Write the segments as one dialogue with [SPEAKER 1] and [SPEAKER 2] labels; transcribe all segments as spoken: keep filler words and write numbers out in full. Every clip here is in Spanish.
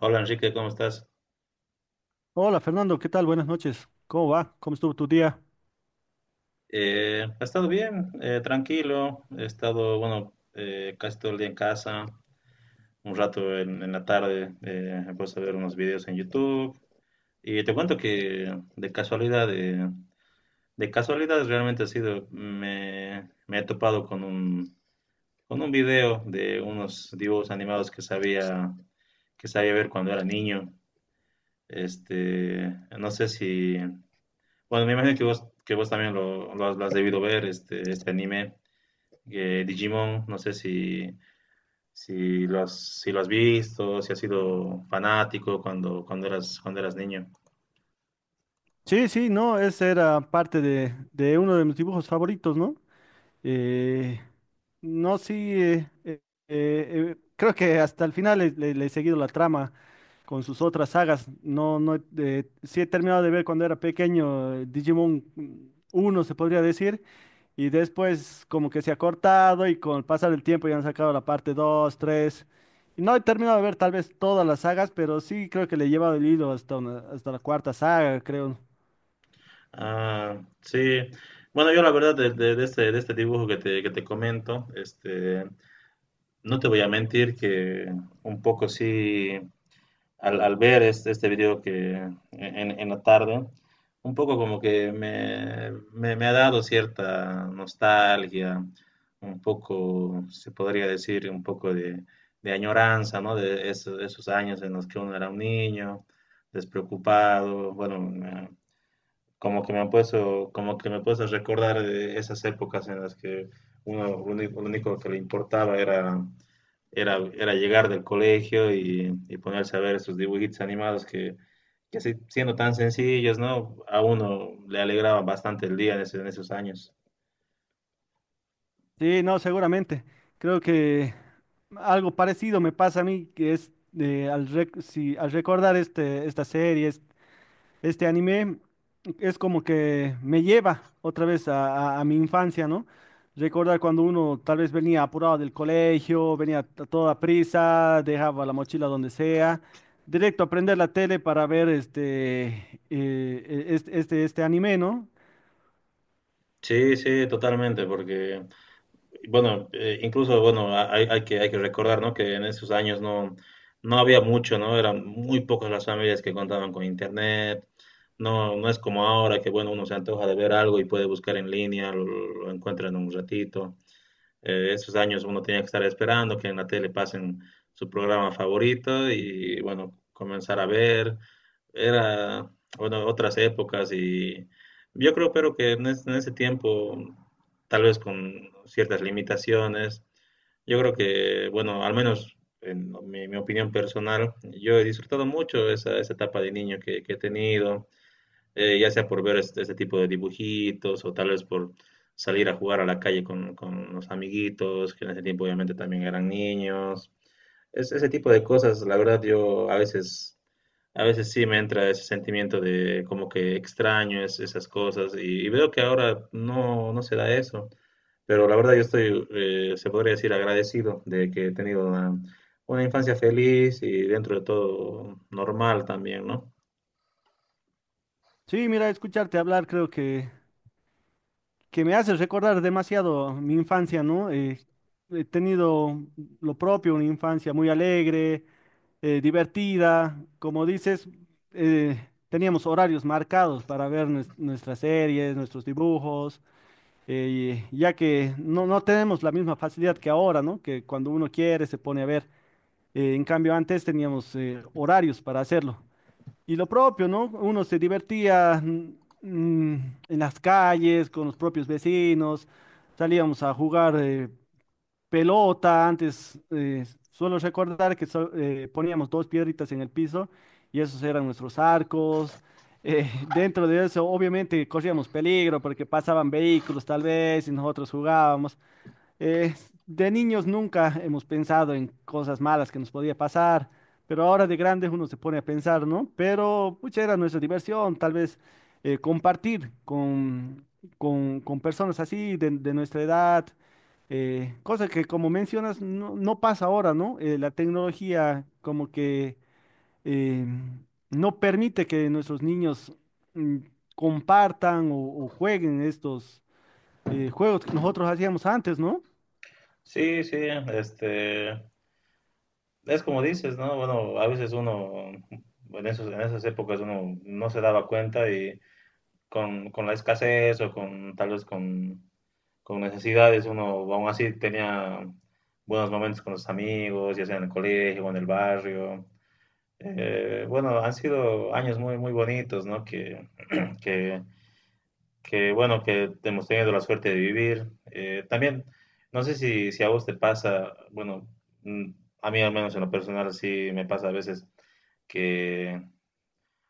[SPEAKER 1] Hola Enrique, ¿cómo estás?
[SPEAKER 2] Hola Fernando, ¿qué tal? Buenas noches. ¿Cómo va? ¿Cómo estuvo tu día?
[SPEAKER 1] Eh, he estado bien, eh, tranquilo, he estado, bueno, eh, casi todo el día en casa, un rato en, en la tarde, eh, he puesto a ver unos videos en YouTube y te cuento que de casualidad, eh, de casualidad realmente ha sido, me, me he topado con un, con un video de unos dibujos animados que sabía, que sabía ver cuando era niño. Este, no sé si, bueno, me imagino que vos, que vos también lo, lo has, lo has debido ver, este, este anime, eh, Digimon, no sé si, si lo has, si lo has visto, si has sido fanático cuando, cuando eras, cuando eras niño.
[SPEAKER 2] Sí, sí, no, ese era parte de, de uno de mis dibujos favoritos, ¿no? Eh, no, sí, eh, eh, eh, creo que hasta el final le, le- le he seguido la trama con sus otras sagas. No, no, eh, sí he terminado de ver cuando era pequeño eh, Digimon uno se podría decir, y después como que se ha cortado y con el pasar del tiempo ya han sacado la parte dos tres. Y no he terminado de ver tal vez todas las sagas, pero sí creo que le he llevado el hilo hasta, una- hasta la cuarta saga, creo.
[SPEAKER 1] Ah, sí. Bueno, yo la verdad de, de- de este, de este dibujo que te, que te comento, este, no te voy a mentir que un poco sí, al, al ver este, este video que en, en la tarde, un poco como que me, me, me ha dado cierta nostalgia, un poco, se podría decir, un poco de, de añoranza, ¿no? De esos, esos años en los que uno era un niño, despreocupado, bueno, como que me ha puesto, como que me puedes recordar eh, esas épocas en las que uno lo único, lo único que le importaba era, era, era llegar del colegio y, y ponerse a ver esos dibujitos animados que, que así, siendo tan sencillos, ¿no? A uno le alegraba bastante el día en, ese- en esos años.
[SPEAKER 2] Sí, no, seguramente. Creo que... Algo parecido me pasa a mí, que es eh, al, rec- si, al recordar este, esta serie, es- este anime, es como que me lleva otra vez a, a- a mi infancia, ¿no? Recordar cuando uno tal vez venía apurado del colegio, venía a toda prisa, dejaba la mochila donde sea, directo a prender la tele para ver este, eh, e- este, este, este anime, ¿no?
[SPEAKER 1] Sí, sí, totalmente, porque bueno, eh, incluso, bueno, a- hay, hay que, hay que recordar, ¿no? Que en esos años no, no había mucho, ¿no? Eran muy pocas las familias que contaban con internet. No, no es como ahora que, bueno, uno se antoja de ver algo y puede buscar en línea, lo, lo encuentra en un ratito. Eh, esos años uno tenía que estar esperando que en la tele pasen su programa favorito y, bueno, comenzar a ver era, bueno, otras épocas y yo creo, pero que en, es- en ese tiempo, tal vez con ciertas limitaciones, yo creo que, bueno, al menos en mi, mi opinión personal, yo he disfrutado mucho esa, esa etapa de niño que, que he tenido, eh, ya sea por ver este, este tipo de dibujitos o tal vez por salir a jugar a la calle con, con los amiguitos, que en ese tiempo obviamente también eran niños. Es, ese tipo de cosas, la verdad, yo a veces, a veces sí me entra ese sentimiento de como que extraño es- esas cosas y, y veo que ahora no, no se da eso. Pero la verdad yo estoy, eh, se podría decir, agradecido de que he tenido una, una infancia feliz y dentro de todo normal también, ¿no?
[SPEAKER 2] Sí, mira, escucharte hablar creo que que me hace recordar demasiado mi infancia, ¿no? Eh, he tenido lo propio, una infancia muy alegre, eh, divertida. Como dices, eh, teníamos horarios marcados para ver nues- nuestras series, nuestros dibujos, eh, y- ya que no, no tenemos la misma facilidad que ahora, ¿no? Que cuando uno quiere se pone a ver. Eh, en cambio, antes teníamos eh, horarios para hacerlo. Y lo propio, ¿no? Uno se divertía mm, mm, en las calles con los propios vecinos, salíamos a jugar eh, pelota, antes eh, suelo recordar que so- eh, poníamos dos piedritas en el piso y esos eran nuestros arcos. Eh, dentro de eso, obviamente, corríamos peligro porque pasaban vehículos tal vez y nosotros jugábamos. Eh, de niños nunca hemos pensado en cosas malas que nos podía pasar, pero ahora de grandes uno se pone a pensar, ¿no? Pero pucha, era nuestra diversión, tal vez eh, compartir con, con, con personas así de, de nuestra edad, eh, cosa que como mencionas no, no pasa ahora, ¿no? Eh, la tecnología como que eh, no permite que nuestros niños mm, compartan o, o jueguen estos eh, juegos que nosotros hacíamos antes, ¿no?
[SPEAKER 1] Sí, sí, este, es como dices, ¿no? Bueno, a veces uno, en esos, en esas épocas uno no se daba cuenta y con, con la escasez o con tal vez con, con necesidades, uno aún así tenía buenos momentos con los amigos, ya sea en el colegio o en el barrio. Eh, bueno, han sido años muy, muy bonitos, ¿no? Que, que, que, bueno, que hemos tenido la suerte de vivir. Eh, también, no sé si, si a vos te pasa, bueno, mm, a mí al menos en lo personal sí me pasa a veces que,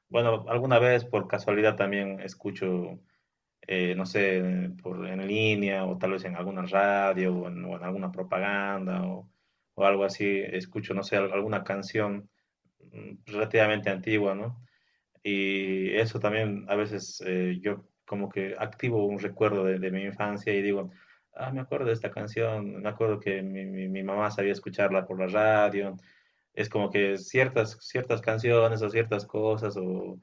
[SPEAKER 1] bueno, alguna vez por casualidad también escucho eh, no sé, por, en línea o tal vez en alguna radio o en, o en alguna propaganda o, o algo así, escucho, no sé, al- alguna canción mm, relativamente antigua, ¿no? Y eso también a veces eh, yo como que activo un recuerdo de, de mi infancia y digo, ah, me acuerdo de esta canción, me acuerdo que mi, mi- mi mamá sabía escucharla por la radio. Es como que ciertas, ciertas canciones o ciertas cosas o,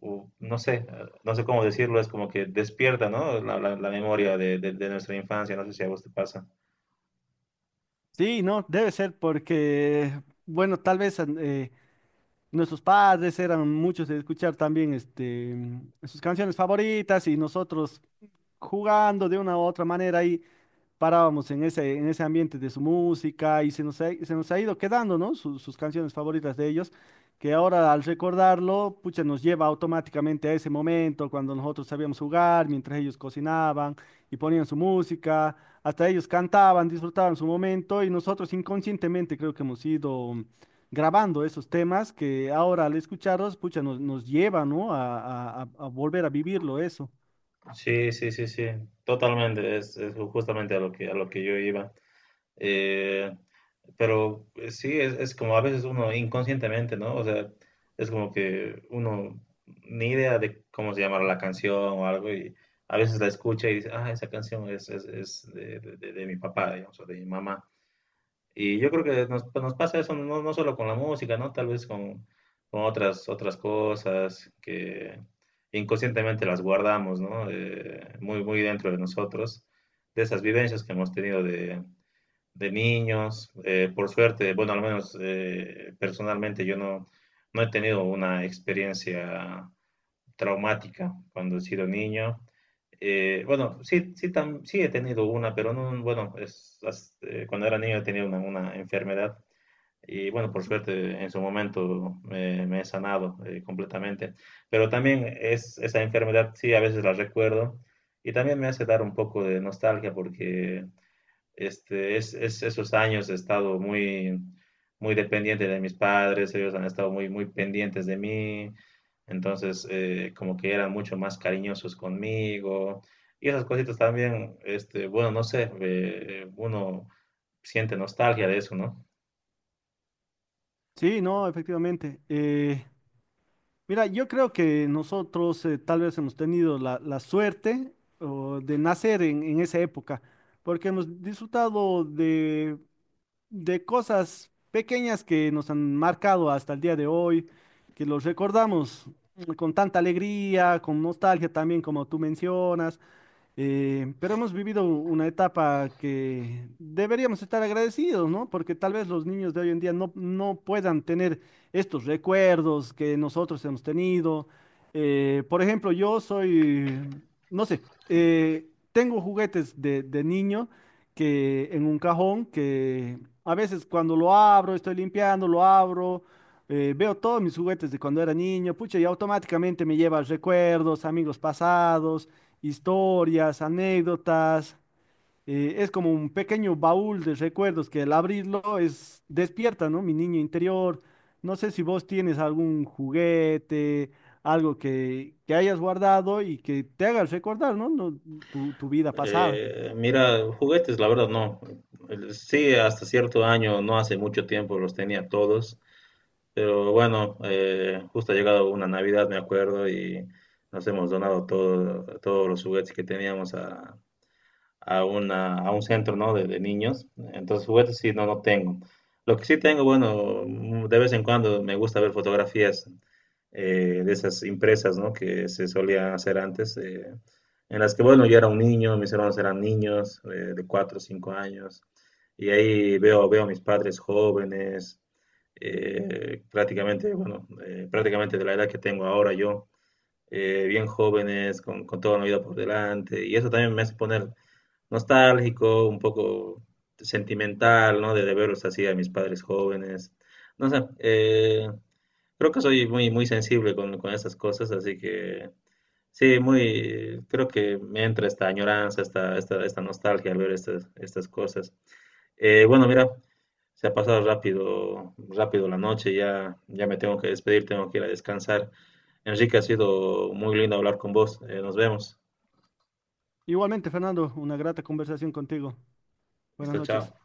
[SPEAKER 1] u- no sé, no sé cómo decirlo, es como que despierta, ¿no? La, la- la memoria de, de- de nuestra infancia, no sé si a vos te pasa.
[SPEAKER 2] Sí, no, debe ser porque, bueno, tal vez eh, nuestros padres eran muchos de escuchar también este, sus canciones favoritas y nosotros jugando de una u otra manera ahí parábamos en ese, en ese ambiente de su música y se nos ha, se nos ha ido quedando, ¿no? Sus, sus canciones favoritas de ellos, que ahora al recordarlo, pucha, nos lleva automáticamente a ese momento cuando nosotros sabíamos jugar, mientras ellos cocinaban y ponían su música, hasta ellos cantaban, disfrutaban su momento y nosotros inconscientemente creo que hemos ido grabando esos temas que ahora al escucharlos, pucha, nos, nos lleva, ¿no? A, a- a- a volver a vivirlo eso.
[SPEAKER 1] Sí, sí, sí, sí, totalmente, es, es justamente a lo que, a lo que yo iba. Eh, pero eh, sí, es, es como a veces uno inconscientemente, ¿no? O sea, es como que uno ni idea de cómo se llama la canción o algo y a veces la escucha y dice, ah, esa canción es, es, es de, de- de- de mi papá, digamos, o de mi mamá. Y yo creo que nos, pues, nos pasa eso no, no solo con la música, ¿no? Tal vez con, con otras, otras cosas que inconscientemente las guardamos, ¿no? Eh, muy, muy dentro de nosotros, de esas vivencias que hemos tenido de, de niños. Eh, por suerte, bueno, al menos eh, personalmente yo no, no he tenido una experiencia traumática cuando he sido niño. Eh, bueno, sí, sí, tam- sí he tenido una, pero no, bueno, es, as- eh, cuando era niño tenía una, una enfermedad y bueno, por suerte en su momento me, me he sanado eh, completamente. Pero también es, esa enfermedad, sí, a veces la recuerdo. Y también me hace dar un poco de nostalgia porque este, es, es- esos años he estado muy, muy dependiente de mis padres, ellos han estado muy, muy pendientes de mí. Entonces, eh, como que eran mucho más cariñosos conmigo. Y esas cositas también, este, bueno, no sé, eh, uno siente nostalgia de eso, ¿no?
[SPEAKER 2] Sí, no, efectivamente. Eh, Mira, yo creo que nosotros eh, tal vez hemos tenido la, la suerte o, de nacer en, en esa época, porque hemos disfrutado de, de cosas pequeñas que nos han marcado hasta el día de hoy, que los recordamos mm, con tanta alegría, con nostalgia también, como tú mencionas. Eh, pero hemos vivido una etapa que deberíamos estar agradecidos, ¿no? Porque tal vez los niños de hoy en día no, no puedan tener estos recuerdos que nosotros hemos tenido. Eh, por ejemplo, yo soy, no sé, eh, tengo juguetes de, de niño que en un cajón que a veces cuando lo abro, estoy limpiando, lo abro. Eh, veo todos mis juguetes de cuando era niño, pucha, y automáticamente me lleva a recuerdos, amigos pasados, historias, anécdotas. Eh, es como un pequeño baúl de recuerdos que al abrirlo es despierta, ¿no? Mi niño interior. No sé si vos tienes algún juguete, algo que, que hayas guardado y que te haga recordar, ¿no? No, tu, tu vida pasada.
[SPEAKER 1] Eh, mira, juguetes, la verdad no. El- Sí, hasta cierto año, no hace mucho tiempo los tenía todos, pero bueno, eh, justo ha llegado una Navidad, me acuerdo, y nos hemos donado todo- todos los juguetes que teníamos a, a, una, a un centro, ¿no? de, de niños. Entonces, juguetes sí, no, no tengo. Lo que sí tengo, bueno, mm, de vez en cuando me gusta ver fotografías eh, de esas impresas, ¿no? Que se solían hacer antes, eh, en las que, bueno, yo era un niño, mis hermanos eran niños eh, de cuatro o cinco años, y ahí veo, veo a mis padres jóvenes, eh, prácticamente, bueno, eh, prácticamente de la edad que tengo ahora yo, eh, bien jóvenes, con, con toda la vida por delante, y eso también me hace poner nostálgico, un poco sentimental, ¿no? De, de verlos así a mis padres jóvenes. No sé, eh, creo que soy muy, muy sensible con, con esas cosas, así que sí, muy, creo que me entra esta añoranza, esta, esta, esta nostalgia al ver estas, estas cosas. Eh, bueno, mira, se ha pasado rápido, rápido la noche, ya, ya me tengo que despedir, tengo que ir a descansar. Enrique, ha sido muy lindo hablar con vos. Eh, nos vemos.
[SPEAKER 2] Igualmente, Fernando, una grata conversación contigo. Buenas
[SPEAKER 1] Listo,
[SPEAKER 2] noches.
[SPEAKER 1] chao.